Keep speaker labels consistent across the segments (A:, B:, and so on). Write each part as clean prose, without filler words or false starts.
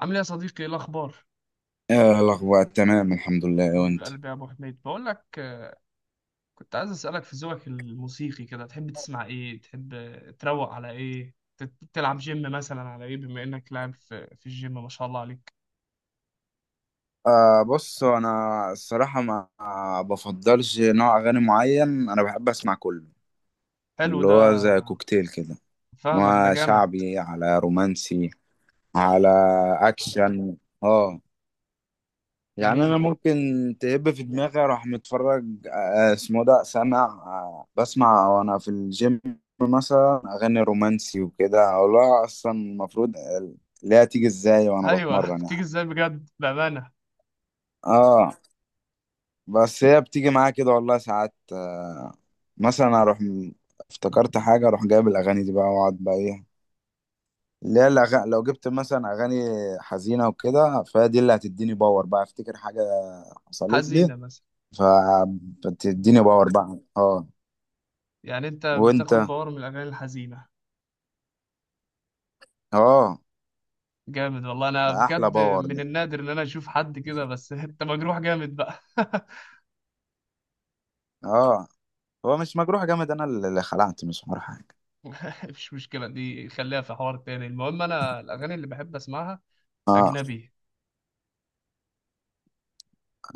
A: عامل ايه يا صديقي؟ ايه الاخبار؟
B: الأخبار تمام، الحمد لله.
A: حبيب
B: وأنت؟
A: قلبي يا ابو حميد، بقول لك كنت عايز اسالك في ذوقك الموسيقي كده. تحب تسمع ايه؟ تحب تروق على ايه؟ تلعب جيم مثلا على ايه، بما انك لاعب في الجيم ما شاء الله عليك.
B: بص، أنا الصراحة ما بفضلش نوع أغاني معين. أنا بحب أسمع كله،
A: حلو
B: اللي
A: ده.
B: هو زي كوكتيل كده،
A: فاهمك، ده جامد.
B: وشعبي على رومانسي، على أكشن. اه يعني
A: جميل.
B: أنا ممكن تهب في دماغي أروح متفرج، اسمه ده، سمع، بسمع وأنا في الجيم، مثلا أغاني رومانسي وكده، أو لا أصلا المفروض لا. تيجي إزاي وأنا
A: ايوه
B: بتمرن
A: تيجي
B: يعني؟
A: ازاي بجد، بامانه؟
B: اه بس هي بتيجي معايا كده والله ساعات، مثلا افتكرت حاجه، اروح جايب الاغاني دي بقى، واقعد بقى ايه، اللي هي الأغاني. لو جبت مثلا اغاني حزينه وكده، فهي دي اللي هتديني باور، بقى افتكر حاجه حصلت لي،
A: حزينه مثلا؟
B: فبتديني باور بقى. اه،
A: يعني انت
B: وانت؟
A: بتاخد باور من الاغاني الحزينه؟
B: اه،
A: جامد والله، انا
B: ده احلى
A: بجد
B: باور
A: من
B: ده.
A: النادر ان انا اشوف حد كده، بس انت مجروح جامد بقى
B: اه، هو مش مجروح جامد، انا اللي خلعت، مش حوار حاجه.
A: مفيش مشكلة، دي خليها في حوار تاني. المهم أنا الأغاني اللي بحب أسمعها
B: اه،
A: أجنبي.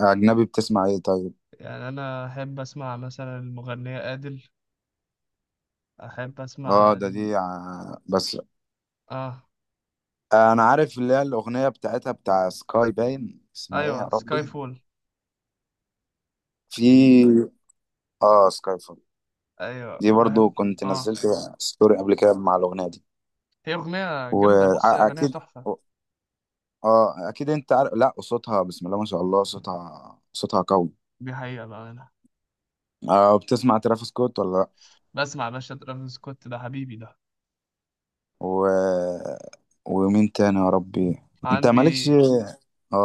B: اجنبي، بتسمع ايه طيب؟
A: يعني أنا أحب أسمع مثلا المغنية أديل، أحب
B: اه،
A: أسمع
B: ده دي
A: ال...
B: بس
A: آه.
B: انا عارف اللي هي الاغنيه بتاعتها، بتاع سكاي باين، اسمها ايه
A: أيوة،
B: يا
A: سكاي
B: ربي؟
A: فول.
B: في. اه، سكاي فول.
A: أيوة
B: دي برضو
A: وبحب.
B: كنت
A: آه
B: نزلت ستوري قبل كده مع الاغنيه دي.
A: هي أغنية جامدة. بص هي أغنية
B: واكيد.
A: تحفة.
B: اه، اكيد انت عارف. لا، صوتها بسم الله ما شاء الله، صوتها قوي.
A: دي حقيقة بقى. أنا
B: بتسمع ترافيس سكوت ولا لا؟
A: بسمع يا باشا، ترافيس سكوت ده حبيبي ده.
B: و... ومين تاني يا ربي؟ انت مالكش.
A: عندي.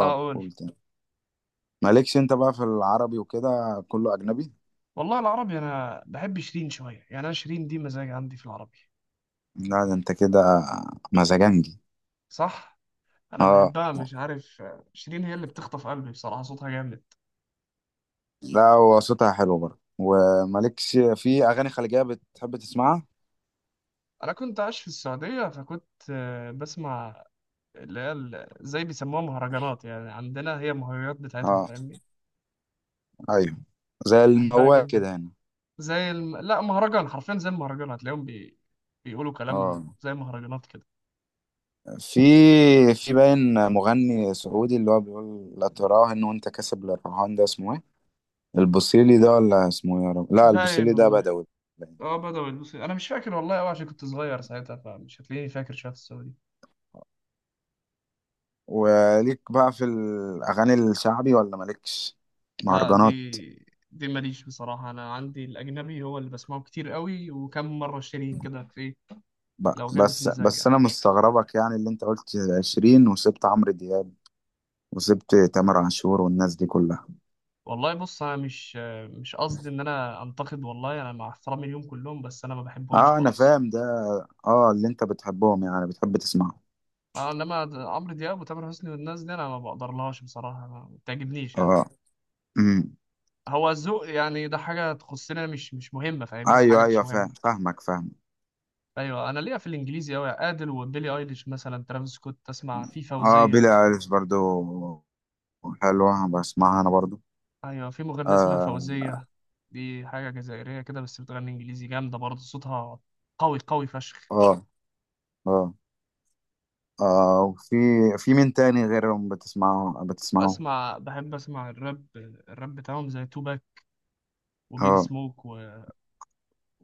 A: آه أقول.
B: قول تاني. مالكش انت بقى في العربي وكده، كله اجنبي؟
A: والله العربي، أنا بحب شيرين شوية، يعني أنا شيرين دي مزاج عندي في العربي.
B: لا ده انت كده مزاجنجي.
A: صح؟ أنا
B: اه.
A: بحبها مش عارف، شيرين هي اللي بتخطف قلبي بصراحة، صوتها جامد.
B: لا، هو صوتها حلو برضه. ومالكش في اغاني خليجيه بتحب تسمعها؟
A: انا كنت عايش في السعوديه، فكنت بسمع اللي هي زي بيسموها مهرجانات، يعني عندنا هي المهرجانات بتاعتهم،
B: اه،
A: فاهمني؟
B: ايوه، زي
A: كنت بحبها
B: الموال
A: جدا.
B: كده هنا.
A: زي الم... لا مهرجان حرفيا، زي المهرجان، هتلاقيهم بي... بيقولوا كلام
B: اه،
A: زي مهرجانات كده.
B: في في باين مغني سعودي، اللي هو بيقول لا تراه ان وانت كاسب للرهان، ده اسمه ايه؟ البوصيلي ده ولا اسمه إيه يا رب؟ لا،
A: باين
B: البوصيلي ده
A: والله.
B: بدوي، باين.
A: اه بدأوا يلبسوا. انا مش فاكر والله قوي عشان كنت صغير ساعتها، فمش هتلاقيني فاكر شويه في السعودي.
B: وليك بقى في الاغاني الشعبي ولا مالكش؟
A: لا دي،
B: مهرجانات
A: دي ماليش بصراحه. انا عندي الاجنبي هو اللي بسمعه كتير قوي، وكم مره شيرين كده في،
B: بقى.
A: لو جابت
B: بس
A: مزاج
B: بس
A: يعني.
B: انا مستغربك، يعني اللي انت قلت 20 وسبت عمرو دياب، وسبت تامر عاشور والناس دي كلها.
A: والله بص انا مش قصدي ان انا انتقد والله، انا مع احترامي ليهم كلهم، بس انا ما بحبهمش
B: اه، انا
A: خالص.
B: فاهم ده. اه، اللي انت بتحبهم يعني بتحب تسمعه.
A: انما عمرو دياب وتامر حسني والناس دي انا ما بقدرلهاش بصراحه، ما بتعجبنيش يعني.
B: اه. امم.
A: هو الذوق يعني ده حاجه تخصنا، مش مهمه، فاهمني؟ حاجه
B: ايوه
A: مش
B: ايوه، فاهم
A: مهمه.
B: فاهمك فاهم.
A: ايوه انا ليا في الانجليزي قوي ادل وبيلي ايليش، مثلا ترافيس سكوت، تسمع في
B: اه،
A: فوزيه.
B: بيلي ايليش برضو حلوة، بسمعها انا برضو.
A: ايوه في مغنيه اسمها
B: اه،
A: فوزيه. دي حاجه جزائريه كده بس بتغني انجليزي، جامده برضه صوتها قوي قوي فشخ.
B: اه، اه, آه. وفي، مين تاني غيرهم بتسمعه
A: بسمع، بحب اسمع الراب. الراب بتاعهم زي توباك وبيج
B: اه،
A: سموك و...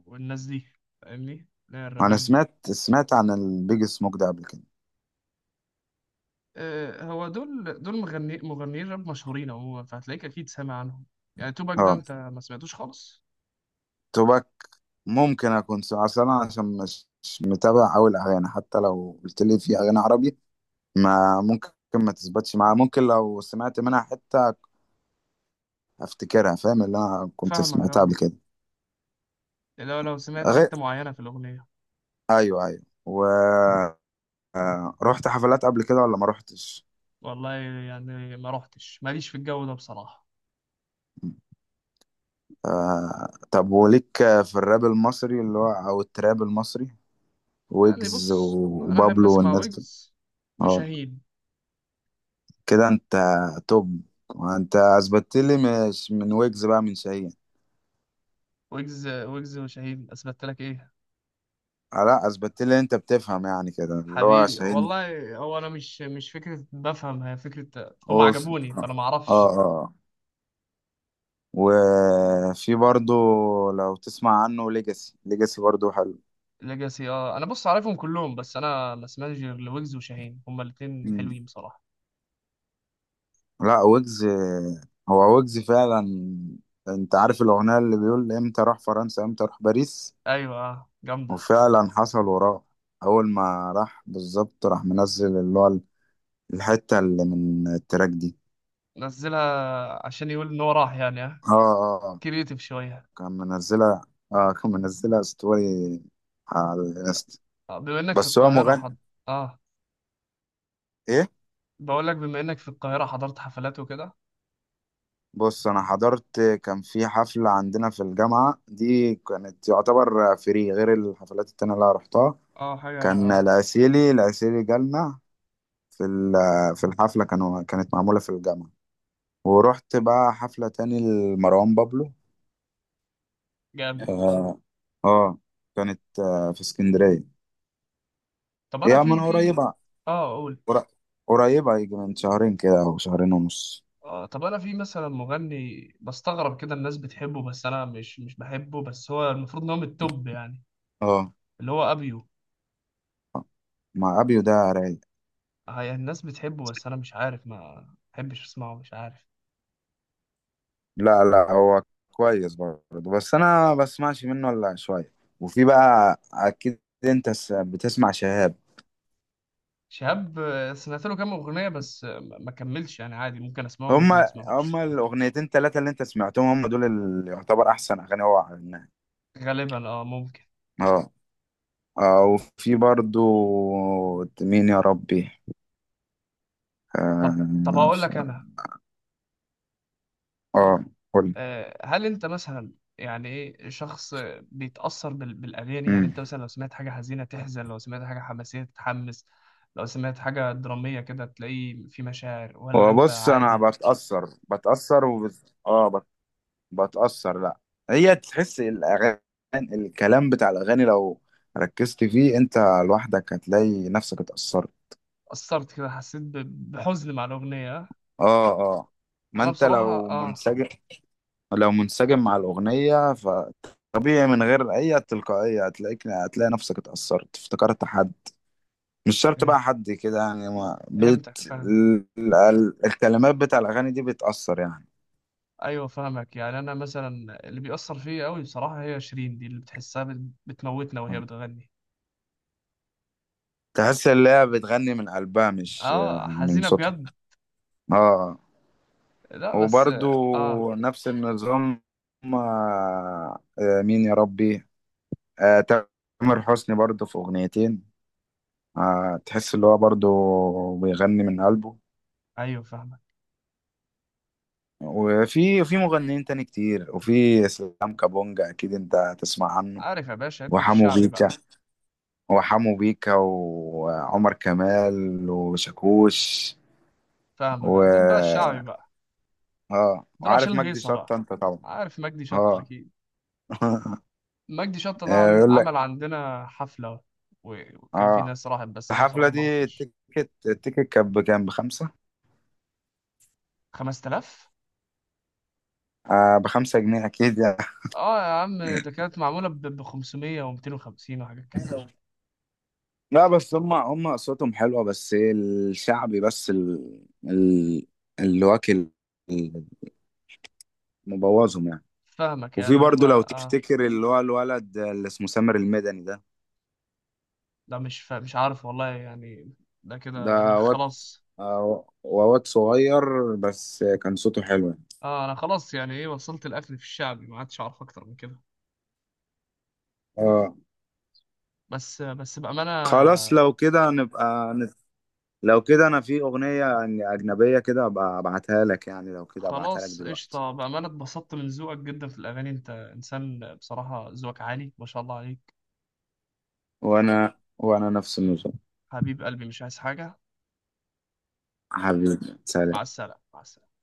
A: والناس دي، فاهمني؟ لا
B: انا
A: الرابات دي،
B: سمعت عن البيج سموك ده قبل كده.
A: أه هو دول مغنيين راب مشهورين عموما، فهتلاقيك اكيد سامع عنهم. يعني توباك ده
B: اه،
A: انت ما سمعتوش خالص؟
B: توباك. ممكن اكون اصل انا عشان مش متابع اوي الاغاني، حتى لو قلت لي في اغاني عربي ما ممكن ما تثبتش معايا. ممكن لو سمعت منها حتة افتكرها، فاهم، اللي انا كنت
A: فاهمك
B: سمعتها
A: اه.
B: قبل كده.
A: لو سمعت
B: غير،
A: حتة معينة في الأغنية.
B: ايوه ايوه. و، رحت حفلات قبل كده ولا ما رحتش؟
A: والله يعني ما رحتش، ماليش في الجو ده بصراحة.
B: طب وليك في الراب المصري، اللي هو او التراب المصري،
A: يعني
B: ويجز
A: بص انا احب
B: وبابلو
A: اسمع
B: والناس دي؟
A: ويجز
B: اه،
A: وشاهين.
B: كده انت توب. انت اثبتت لي، مش من ويجز بقى، من شاهين.
A: ويجز، ويجز وشاهين اثبت لك ايه؟
B: لا، اثبتت لي انت بتفهم يعني كده، اللي هو
A: حبيبي
B: شاهين.
A: والله، هو انا مش فكره بفهم، هي فكره هم
B: هو في...
A: عجبوني، فانا ما
B: اه،
A: اعرفش.
B: اه. وفي برضو لو تسمع عنه، ليجاسي. ليجاسي برضو حلو.
A: ليجاسي اه. انا بص عارفهم كلهم بس انا ما سمعتش غير لويجز وشاهين، هم الاثنين
B: مم.
A: حلوين بصراحه.
B: لا، ويجز، هو ويجز فعلا. انت عارف الأغنية اللي بيقول امتى راح فرنسا، امتى راح باريس؟
A: ايوه جامده.
B: وفعلا حصل وراه. أول ما راح بالظبط راح منزل اللي هو الحتة اللي من التراك دي.
A: نزلها عشان يقول ان هو راح يعني، ها؟
B: اه، اه، آه.
A: كرييتيف شويه.
B: كان منزلها، اه كان منزلها ستوري على الانستا.
A: بما انك في
B: بس هو
A: القاهره
B: مغني،
A: حض... اه.
B: ايه.
A: بقول لك بما انك في القاهره حضرت حفلات وكده؟
B: بص، انا حضرت، كان في حفلة عندنا في الجامعة. دي كانت يعتبر فري غير الحفلات التانية اللي أنا رحتها.
A: اه حاجه
B: كان
A: اه.
B: العسيلي، العسيلي جالنا في في الحفلة، كانت معمولة في الجامعة. ورحت بقى حفلة تاني لمروان بابلو.
A: جامد.
B: اه، آه، كانت في اسكندرية.
A: طب انا
B: هي من
A: في
B: قريبة.
A: اه قول.
B: قر- قريبة، يجي من شهرين كده او شهرين ونص.
A: طب انا في مثلا مغني بستغرب كده الناس بتحبه، بس انا مش بحبه، بس هو المفروض ان هو من التوب يعني.
B: اه،
A: اللي هو ابيو.
B: مع ابيو، ده رايق.
A: يعني الناس بتحبه بس انا مش عارف، ما بحبش اسمعه، مش عارف.
B: لا، لا هو كويس برضه، بس انا ما بسمعش منه الا شويه. وفي بقى اكيد انت بتسمع شهاب.
A: شهاب سمعت له كام اغنيه، بس ما كملش يعني، عادي، ممكن اسمعهم ممكن ما
B: هما
A: اسمعهمش.
B: هما الاغنيتين ثلاثه اللي انت سمعتهم، هما دول اللي يعتبر احسن اغاني هو عملناها.
A: غالبا اه ممكن.
B: اه، اه. وفي برضه، مين يا ربي؟
A: طب طب
B: اه،
A: اقول لك انا.
B: آه، قول.
A: هل انت مثلا، يعني ايه، شخص بيتأثر بالأغاني؟ يعني
B: امم
A: انت مثلا لو سمعت حاجة حزينة تحزن، لو سمعت حاجة حماسية تتحمس، لو سمعت حاجة درامية كده تلاقي في مشاعر، ولا انت
B: وبص، انا
A: عادي؟
B: بتاثر اه، بتأثر. لا، هي تحس الأغاني، الكلام بتاع الأغاني لو ركزت فيه أنت لوحدك، هتلاقي نفسك اتأثرت.
A: أثرت كده؟ حسيت بحزن مع الأغنية؟
B: اه، اه. ما
A: انا
B: أنت
A: بصراحة
B: لو
A: اه،
B: منسجم، مع الأغنية، فطبيعي من غير أي تلقائية هتلاقيك، هتلاقي نفسك اتأثرت، افتكرت حد. مش شرط
A: فه-
B: بقى حد كده يعني. ما
A: فهمتك،
B: بت...
A: فاهم.
B: الكلمات بتاع الأغاني دي بتأثر يعني.
A: ايوه فاهمك. يعني انا مثلا اللي بيأثر فيا قوي بصراحة هي شيرين دي، اللي بتحسها بتموتنا وهي بتغني.
B: تحس إن هي بتغني من قلبها، مش
A: اه
B: من
A: حزينة
B: صوتها.
A: بجد.
B: اه، آه.
A: لا بس اه
B: وبرضو
A: آه،.
B: نفس النظام. مين يا ربي؟ تامر حسني برضو في أغنيتين، تحس اللي هو برضو بيغني من قلبه.
A: ايوه فاهمك.
B: وفي، مغنيين تاني كتير. وفي اسلام كابونجا اكيد انت تسمع عنه.
A: عارف يا باشا ادي في
B: وحمو
A: الشعبي
B: بيكا،
A: بقى.
B: وعمر كمال وشاكوش.
A: فاهمك بقى. دول بقى
B: و،
A: الشعبي بقى.
B: اه،
A: دول عشان
B: وعارف مجدي
A: الهيصة بقى.
B: شطة انت طبعا.
A: عارف مجدي شطة
B: اه
A: أكيد. مجدي شطة ده
B: يقول لك.
A: عمل عندنا حفلة، وكان في
B: اه،
A: ناس راحت، بس أنا
B: الحفلة
A: بصراحة ما
B: دي
A: رحتش.
B: التيكت كان بكام، بخمسة.
A: 5000،
B: آه، ب5 جنيه أكيد يعني.
A: اه يا عم، ده كانت معمولة ب 500 و 250 وحاجات كده.
B: لا بس هم أصواتهم حلوة، بس إيه الشعبي، بس اللي واكل مبوظهم يعني.
A: فاهمك
B: وفي
A: يعني
B: برضه لو
A: هما اه.
B: تفتكر اللي هو الولد اللي اسمه سامر المدني ده،
A: لا مش فا... مش عارف والله يعني. ده كده أنا
B: واد،
A: خلاص.
B: واد صغير بس كان صوته حلو يعني.
A: اه أنا خلاص يعني، إيه وصلت الأكل في الشعبي، ما عادش أعرف أكتر من كده.
B: آه،
A: بس بس بأمانة.
B: خلاص. لو كده نبقى لو كده أنا في أغنية أجنبية كده أبقى أبعتها لك، يعني لو كده أبعتها لك
A: خلاص
B: دلوقتي.
A: قشطة، بأمانة اتبسطت من ذوقك جدا في الأغاني، أنت إنسان بصراحة ذوقك عالي ما شاء الله عليك.
B: وانا نفس النظام.
A: حبيب قلبي مش عايز حاجة.
B: حبيبي،
A: مع
B: سلام.
A: السلامة، مع السلامة.